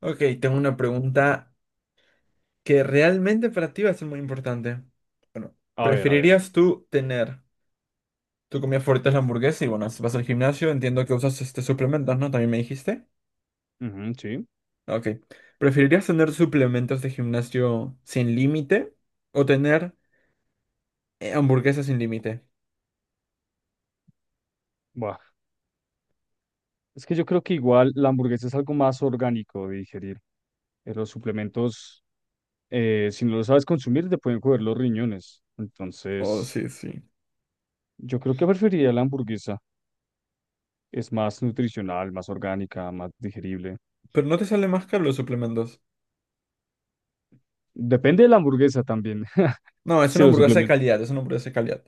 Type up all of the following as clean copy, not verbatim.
Ok, tengo una pregunta que realmente para ti va a ser muy importante. Bueno, A ver, a ver. ¿preferirías tú tener tu comida favorita es la hamburguesa y bueno, si vas al gimnasio, entiendo que usas este suplementos, ¿no? También me dijiste. Ujú, sí. Ok. ¿Preferirías tener suplementos de gimnasio sin límite o tener hamburguesas sin límite? Buah. Es que yo creo que igual la hamburguesa es algo más orgánico de digerir. Los suplementos, si no lo sabes consumir, te pueden coger los riñones. Oh, Entonces, sí, sí. yo creo que preferiría la hamburguesa. Es más nutricional, más orgánica, más digerible. Pero no te sale más caro los suplementos. Depende de la hamburguesa también. No, es Si una los hamburguesa de suplementos, calidad, es una hamburguesa de calidad.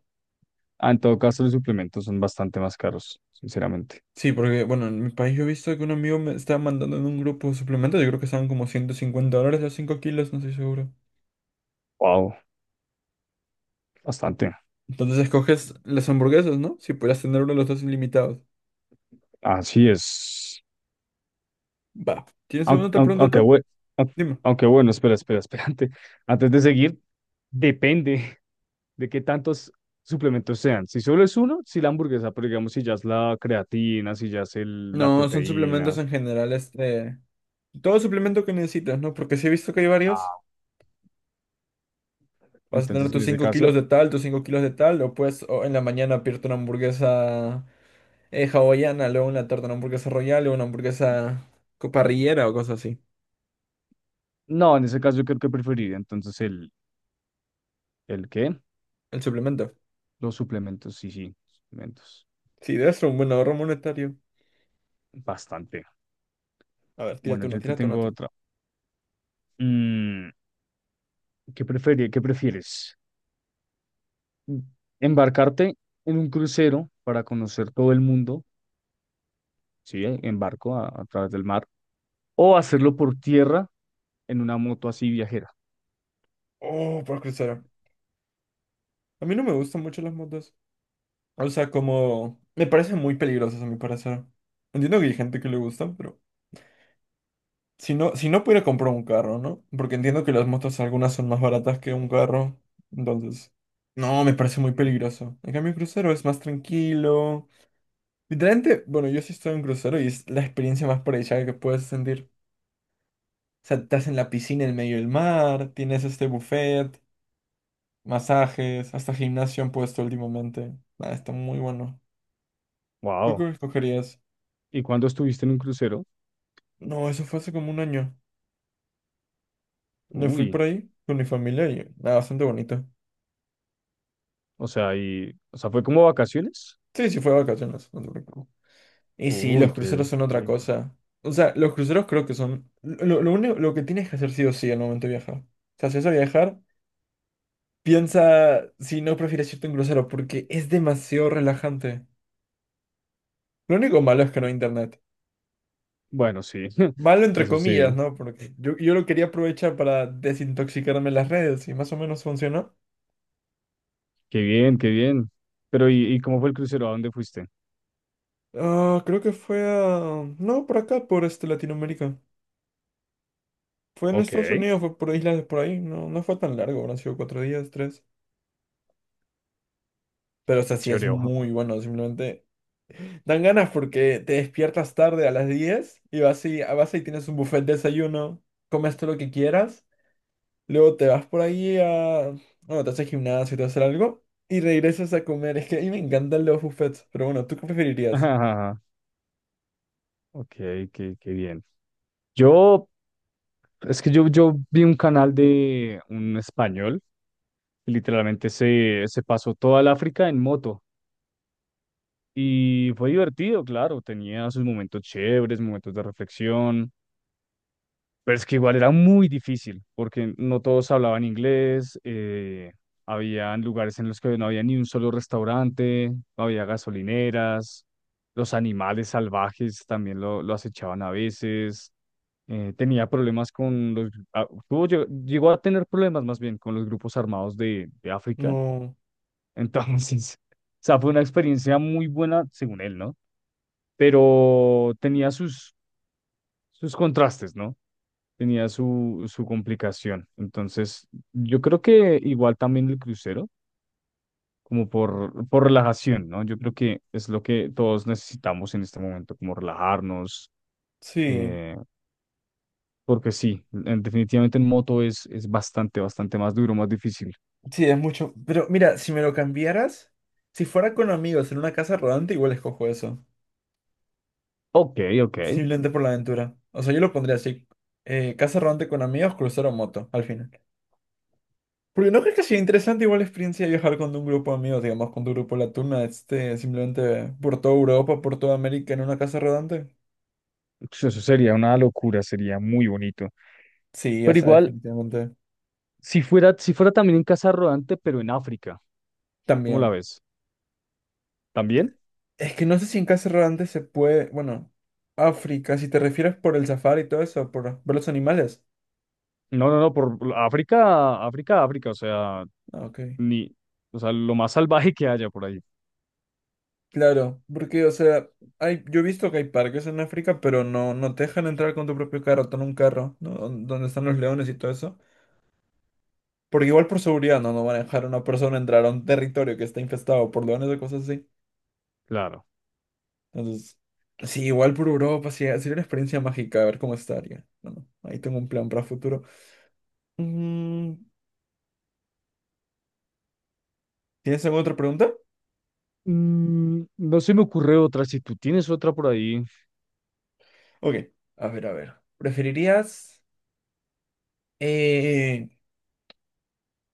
en todo caso, los suplementos son bastante más caros, sinceramente. Sí, porque, bueno, en mi país yo he visto que un amigo me estaba mandando en un grupo suplemento, yo creo que estaban como $150 los 5 kilos, no estoy seguro. Wow, bastante. Entonces escoges las hamburguesas, ¿no? Si podías tener uno de los dos ilimitados. Así es. Va. ¿Tienes alguna Aunque, otra aunque, pregunta aunque tú? bue- aunque- Dime. aunque bueno, espera. Antes de seguir, depende de qué tantos suplementos sean. Si solo es uno, si la hamburguesa, pero digamos, si ya es la creatina, si ya es la No, son suplementos proteína. en general, este... Todo suplemento que necesitas, ¿no? Porque si he visto que hay varios, Ah, vas a tener entonces, en tus ese 5 caso, kilos de tal, tus 5 kilos de tal, o puedes o en la mañana pedirte una hamburguesa hawaiana, luego en la tarde una hamburguesa royal, luego una hamburguesa co- parrillera o cosas así. no, en ese caso yo creo que preferiría entonces el qué, El suplemento. los suplementos, sí, sí, suplementos, Sí, debe ser un buen ahorro monetario. bastante. A ver, Bueno, yo te tírate una tengo tú. otra. Mm, ¿qué prefieres embarcarte en un crucero para conocer todo el mundo? ¿Sí? En barco a través del mar, o hacerlo por tierra en una moto así viajera. Oh, por cruzar. A mí no me gustan mucho las motos. O sea, como... Me parecen muy peligrosas a mi parecer. Entiendo que hay gente que le gustan, pero... Si no, si no pudiera comprar un carro, ¿no? Porque entiendo que las motos algunas son más baratas que un carro. Entonces... No, me parece muy peligroso. En cambio, un crucero es más tranquilo. Literalmente, bueno, yo sí estoy en un crucero y es la experiencia más paradisíaca que puedes sentir. O sea, estás en la piscina en medio del mar, tienes este buffet. Masajes, hasta gimnasio han puesto últimamente. Ah, está muy bueno. ¿Tú Wow. qué escogerías? ¿Y cuándo estuviste en un crucero? No, eso fue hace como un año. Me fui Uy, por ahí con mi familia y nada, bastante bonito. O sea, ¿fue como vacaciones? Sí, sí, fue de vacaciones, no te preocupes. Y sí, Uy, los cruceros son qué otra lindo. cosa. O sea, los cruceros creo que son lo único lo que tienes que hacer sí o sí al momento de viajar. O sea, si vas a viajar, piensa si no prefieres irte a un crucero porque es demasiado relajante. Lo único malo es que no Y- hay internet. Bueno, sí, Malo entre eso sí, comillas, ¿no? Porque yo lo quería aprovechar para desintoxicarme las redes y más o menos funcionó. qué bien, qué bien. Pero, ¿y cómo fue el crucero? ¿A dónde fuiste? Ah, creo que fue a... No, por acá, por este Latinoamérica. Fue en Ok, Estados qué Unidos, fue por islas de por ahí. No, no fue tan largo, habrán sido 4 días, tres. Pero, o sea, sí es chévere. Ojo. muy bueno, simplemente... Dan ganas porque te despiertas tarde a las 10 y vas y, vas y tienes un buffet de desayuno, comes todo lo que quieras. Luego te vas por ahí a... Bueno, te haces gimnasio, te haces algo y regresas a comer. Es que a mí me encantan los buffets, pero bueno, ¿tú qué preferirías? Ok, qué bien. Yo, Es que yo vi un canal de un español que literalmente se pasó toda el África en moto y fue divertido, claro, tenía sus momentos chéveres, momentos de reflexión, pero es que igual era muy difícil porque no todos hablaban inglés, habían lugares en los que no había ni un solo restaurante, no había gasolineras, los animales salvajes también lo acechaban a veces. Tenía problemas con los, ah, tuvo- llegó, llegó a tener problemas más bien con los grupos armados de África. No, Entonces, o sea, fue una experiencia muy buena, según él, ¿no? Pero tenía sus contrastes, ¿no? Tenía su complicación. Entonces, yo creo que igual también el crucero, como por relajación, ¿no? Yo creo que es lo que todos necesitamos en este momento, como relajarnos. sí, eh, Porque sí, definitivamente en moto es bastante, bastante más duro, más difícil. sí, es mucho. Pero mira, si me lo cambiaras, si fuera con amigos en una casa rodante, igual escojo eso. Ok, ok. Simplemente por la aventura. O sea, yo lo pondría así. Casa rodante con amigos, crucero o moto, al final. Porque no crees que sea interesante igual la experiencia de viajar con un grupo de amigos, digamos, con tu grupo La Tuna, este, simplemente por toda Europa, por toda América en una casa rodante. Pues eso sería una locura, sería muy bonito. Sí, o Pero sea, igual, definitivamente. Si fuera también en casa rodante, pero en África, ¿cómo la También. ves? ¿También? Es que no sé si en casa rodante se puede. Bueno, África, si te refieres por el safari y todo eso, por ver los animales. No, por África, África, África, o sea, Ah, ok. ni, o sea, lo más salvaje que haya por ahí, Claro, porque, o sea, hay, yo he visto que hay parques en África, pero no, no te dejan entrar con tu propio carro, con un carro, ¿no? Don- Donde están los leones y todo eso. Porque igual por seguridad no, no van a dejar a una persona entrar a un territorio que está infestado por leones o cosas así. claro. Entonces, sí, igual por Europa, sí, sería una experiencia mágica, a ver cómo estaría. Bueno, ahí tengo un plan para futuro. Mm, ¿tienes alguna otra pregunta? Mm, no se me ocurre otra, si tú tienes otra por ahí. Ok, a ver, a ver. ¿Preferirías eh,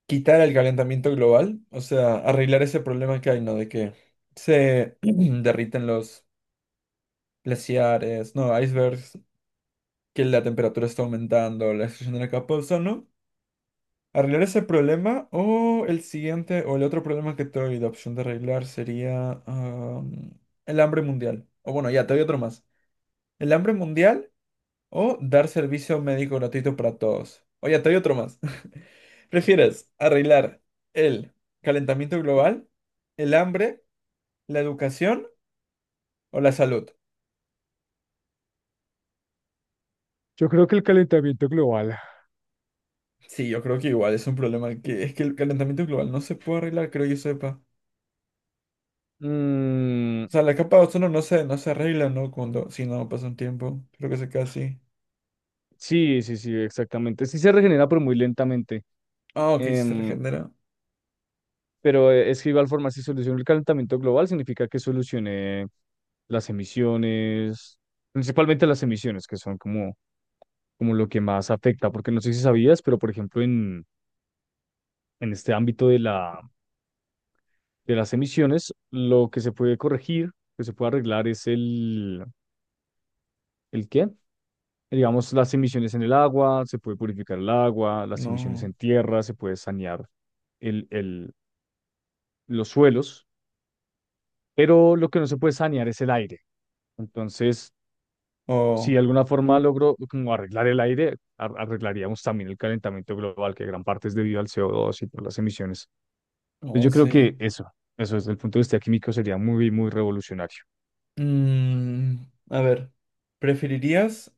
quitar el calentamiento global? O sea, arreglar ese problema que hay, ¿no? De que se derriten los glaciares, no, icebergs, que la temperatura está aumentando, la destrucción de la capa de ozono. ¿Arreglar ese problema o el siguiente o el otro problema que te doy de opción de arreglar sería el hambre mundial? O bueno, ya, te doy otro más. El hambre mundial. O dar servicio médico gratuito para todos. Oye, te doy otro más. ¿Prefieres arreglar el calentamiento global, el hambre, la educación o la salud? Yo creo que el calentamiento global. Sí, yo creo que igual es un problema que es que el calentamiento global no se puede arreglar, creo yo sepa. Mm, O sea, la capa de ozono no se arregla, ¿no? Cuando, si no pasa un tiempo. Creo que se queda así. sí, sí, sí, exactamente. Sí se regenera, pero muy lentamente. Ah, ok, si se Em, regenera. pero es que igual forma, si soluciono el calentamiento global, significa que solucioné las emisiones, principalmente las emisiones, que son como, como lo que más afecta, porque no sé si sabías, pero por ejemplo, en este ámbito de las emisiones, lo que se puede corregir, que se puede arreglar es ¿el qué? Digamos, las emisiones en el agua, se puede purificar el agua, las emisiones No. en tierra, se puede sanear el, el, los suelos, pero lo que no se puede sanear es el aire. Entonces, si de Oh, alguna forma logro como arreglar el aire, arreglaríamos también el calentamiento global, que gran parte es debido al CO2 y por las emisiones. Entonces, oh, yo creo sí. que eso desde el punto de vista químico sería muy, muy revolucionario. Mm, a ver, ¿preferirías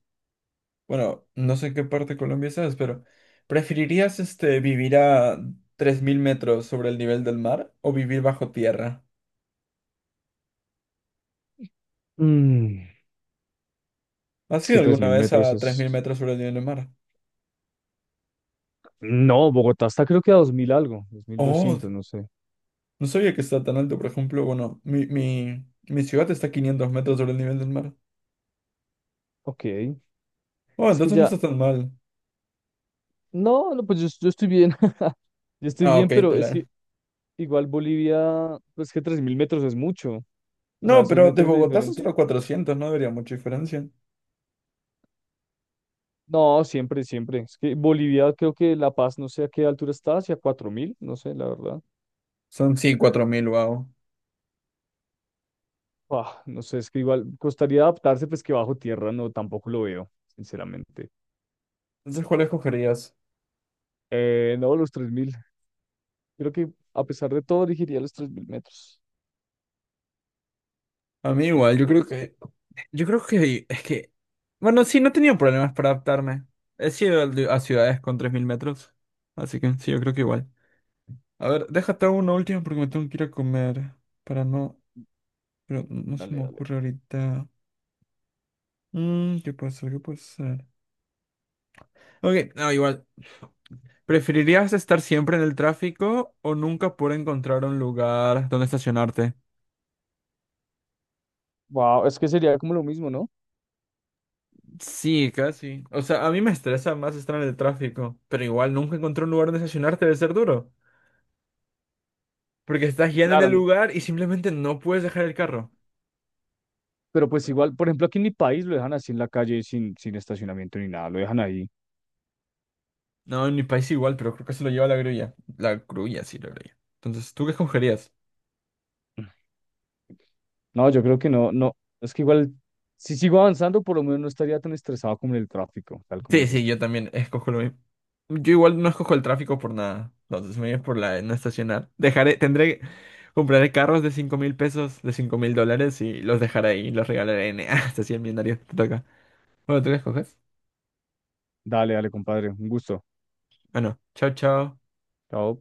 bueno, no sé en qué parte de Colombia estás, pero ¿preferirías este vivir a 3000 metros sobre el nivel del mar o vivir bajo tierra? Mm, ¿Has es que ido tres alguna mil vez metros a 3.000 es... metros sobre el nivel del mar? No, Bogotá está creo que a 2000 algo, dos mil Oh, doscientos, no sé. no sabía que está tan alto, por ejemplo, bueno, mi ciudad está a 500 metros sobre el nivel del mar. Ok, es Oh, que entonces no ya... está tan mal. No, no, pues yo estoy bien. Yo estoy Ah, ok, bien, te pero es que la... igual Bolivia, pues que 3000 metros es mucho. O sea, No, esos pero de metros de Bogotá son diferencia. solo 400, no debería mucha diferencia. No, siempre. Es que Bolivia, creo que La Paz, no sé a qué altura está, hacia 4000 no sé, la verdad. Son sí, 4000, wow. Ah, no sé, es que igual costaría adaptarse, pues que bajo tierra no, tampoco lo veo, sinceramente. Entonces, ¿cuál escogerías? No, los 3000. Creo que a pesar de todo, elegiría los 3000 metros. A mí igual, yo ¿No? creo que yo creo que es que, bueno, sí, no he tenido problemas para adaptarme. He sido a ciudades con 3000 metros, así que sí, yo creo que igual. A ver, déjate hago una última porque me tengo que ir a comer para no, pero no se Dale, me dale. ocurre ahorita. Mm, ¿qué puede ser? ¿Qué puede ser? Ok, no, igual. ¿Preferirías estar siempre en el tráfico o nunca poder encontrar un lugar donde estacionarte? Wow, es que sería como lo mismo, ¿no? Sí, casi. O sea, a mí me estresa más estar en el tráfico, pero igual nunca encontrar un lugar donde estacionarte debe ser duro. Porque estás guiando en Claro, el lugar y simplemente no puedes dejar el carro. pero pues igual, por ejemplo, aquí en mi país lo dejan así en la calle sin estacionamiento ni nada, lo dejan ahí. No, en mi país igual, pero creo que se lo lleva la grulla. La grulla, sí, la grulla. Entonces, ¿tú qué escogerías? No, yo creo que no, no, es que igual, si sigo avanzando, por lo menos no estaría tan estresado como en el tráfico, tal como Sí, dices sí, tú. yo también escojo lo mismo. Yo igual no escojo el tráfico por nada. Entonces, me voy por la de no estacionar. Dejaré, tendré, compraré carros de 5000 pesos, de $5000 y los dejaré ahí, los regalaré en, hasta 100 millonarios. Te toca. Bueno, ¿tú qué escoges? Dale, dale, compadre, un gusto. Bueno, chao, chao. Chao.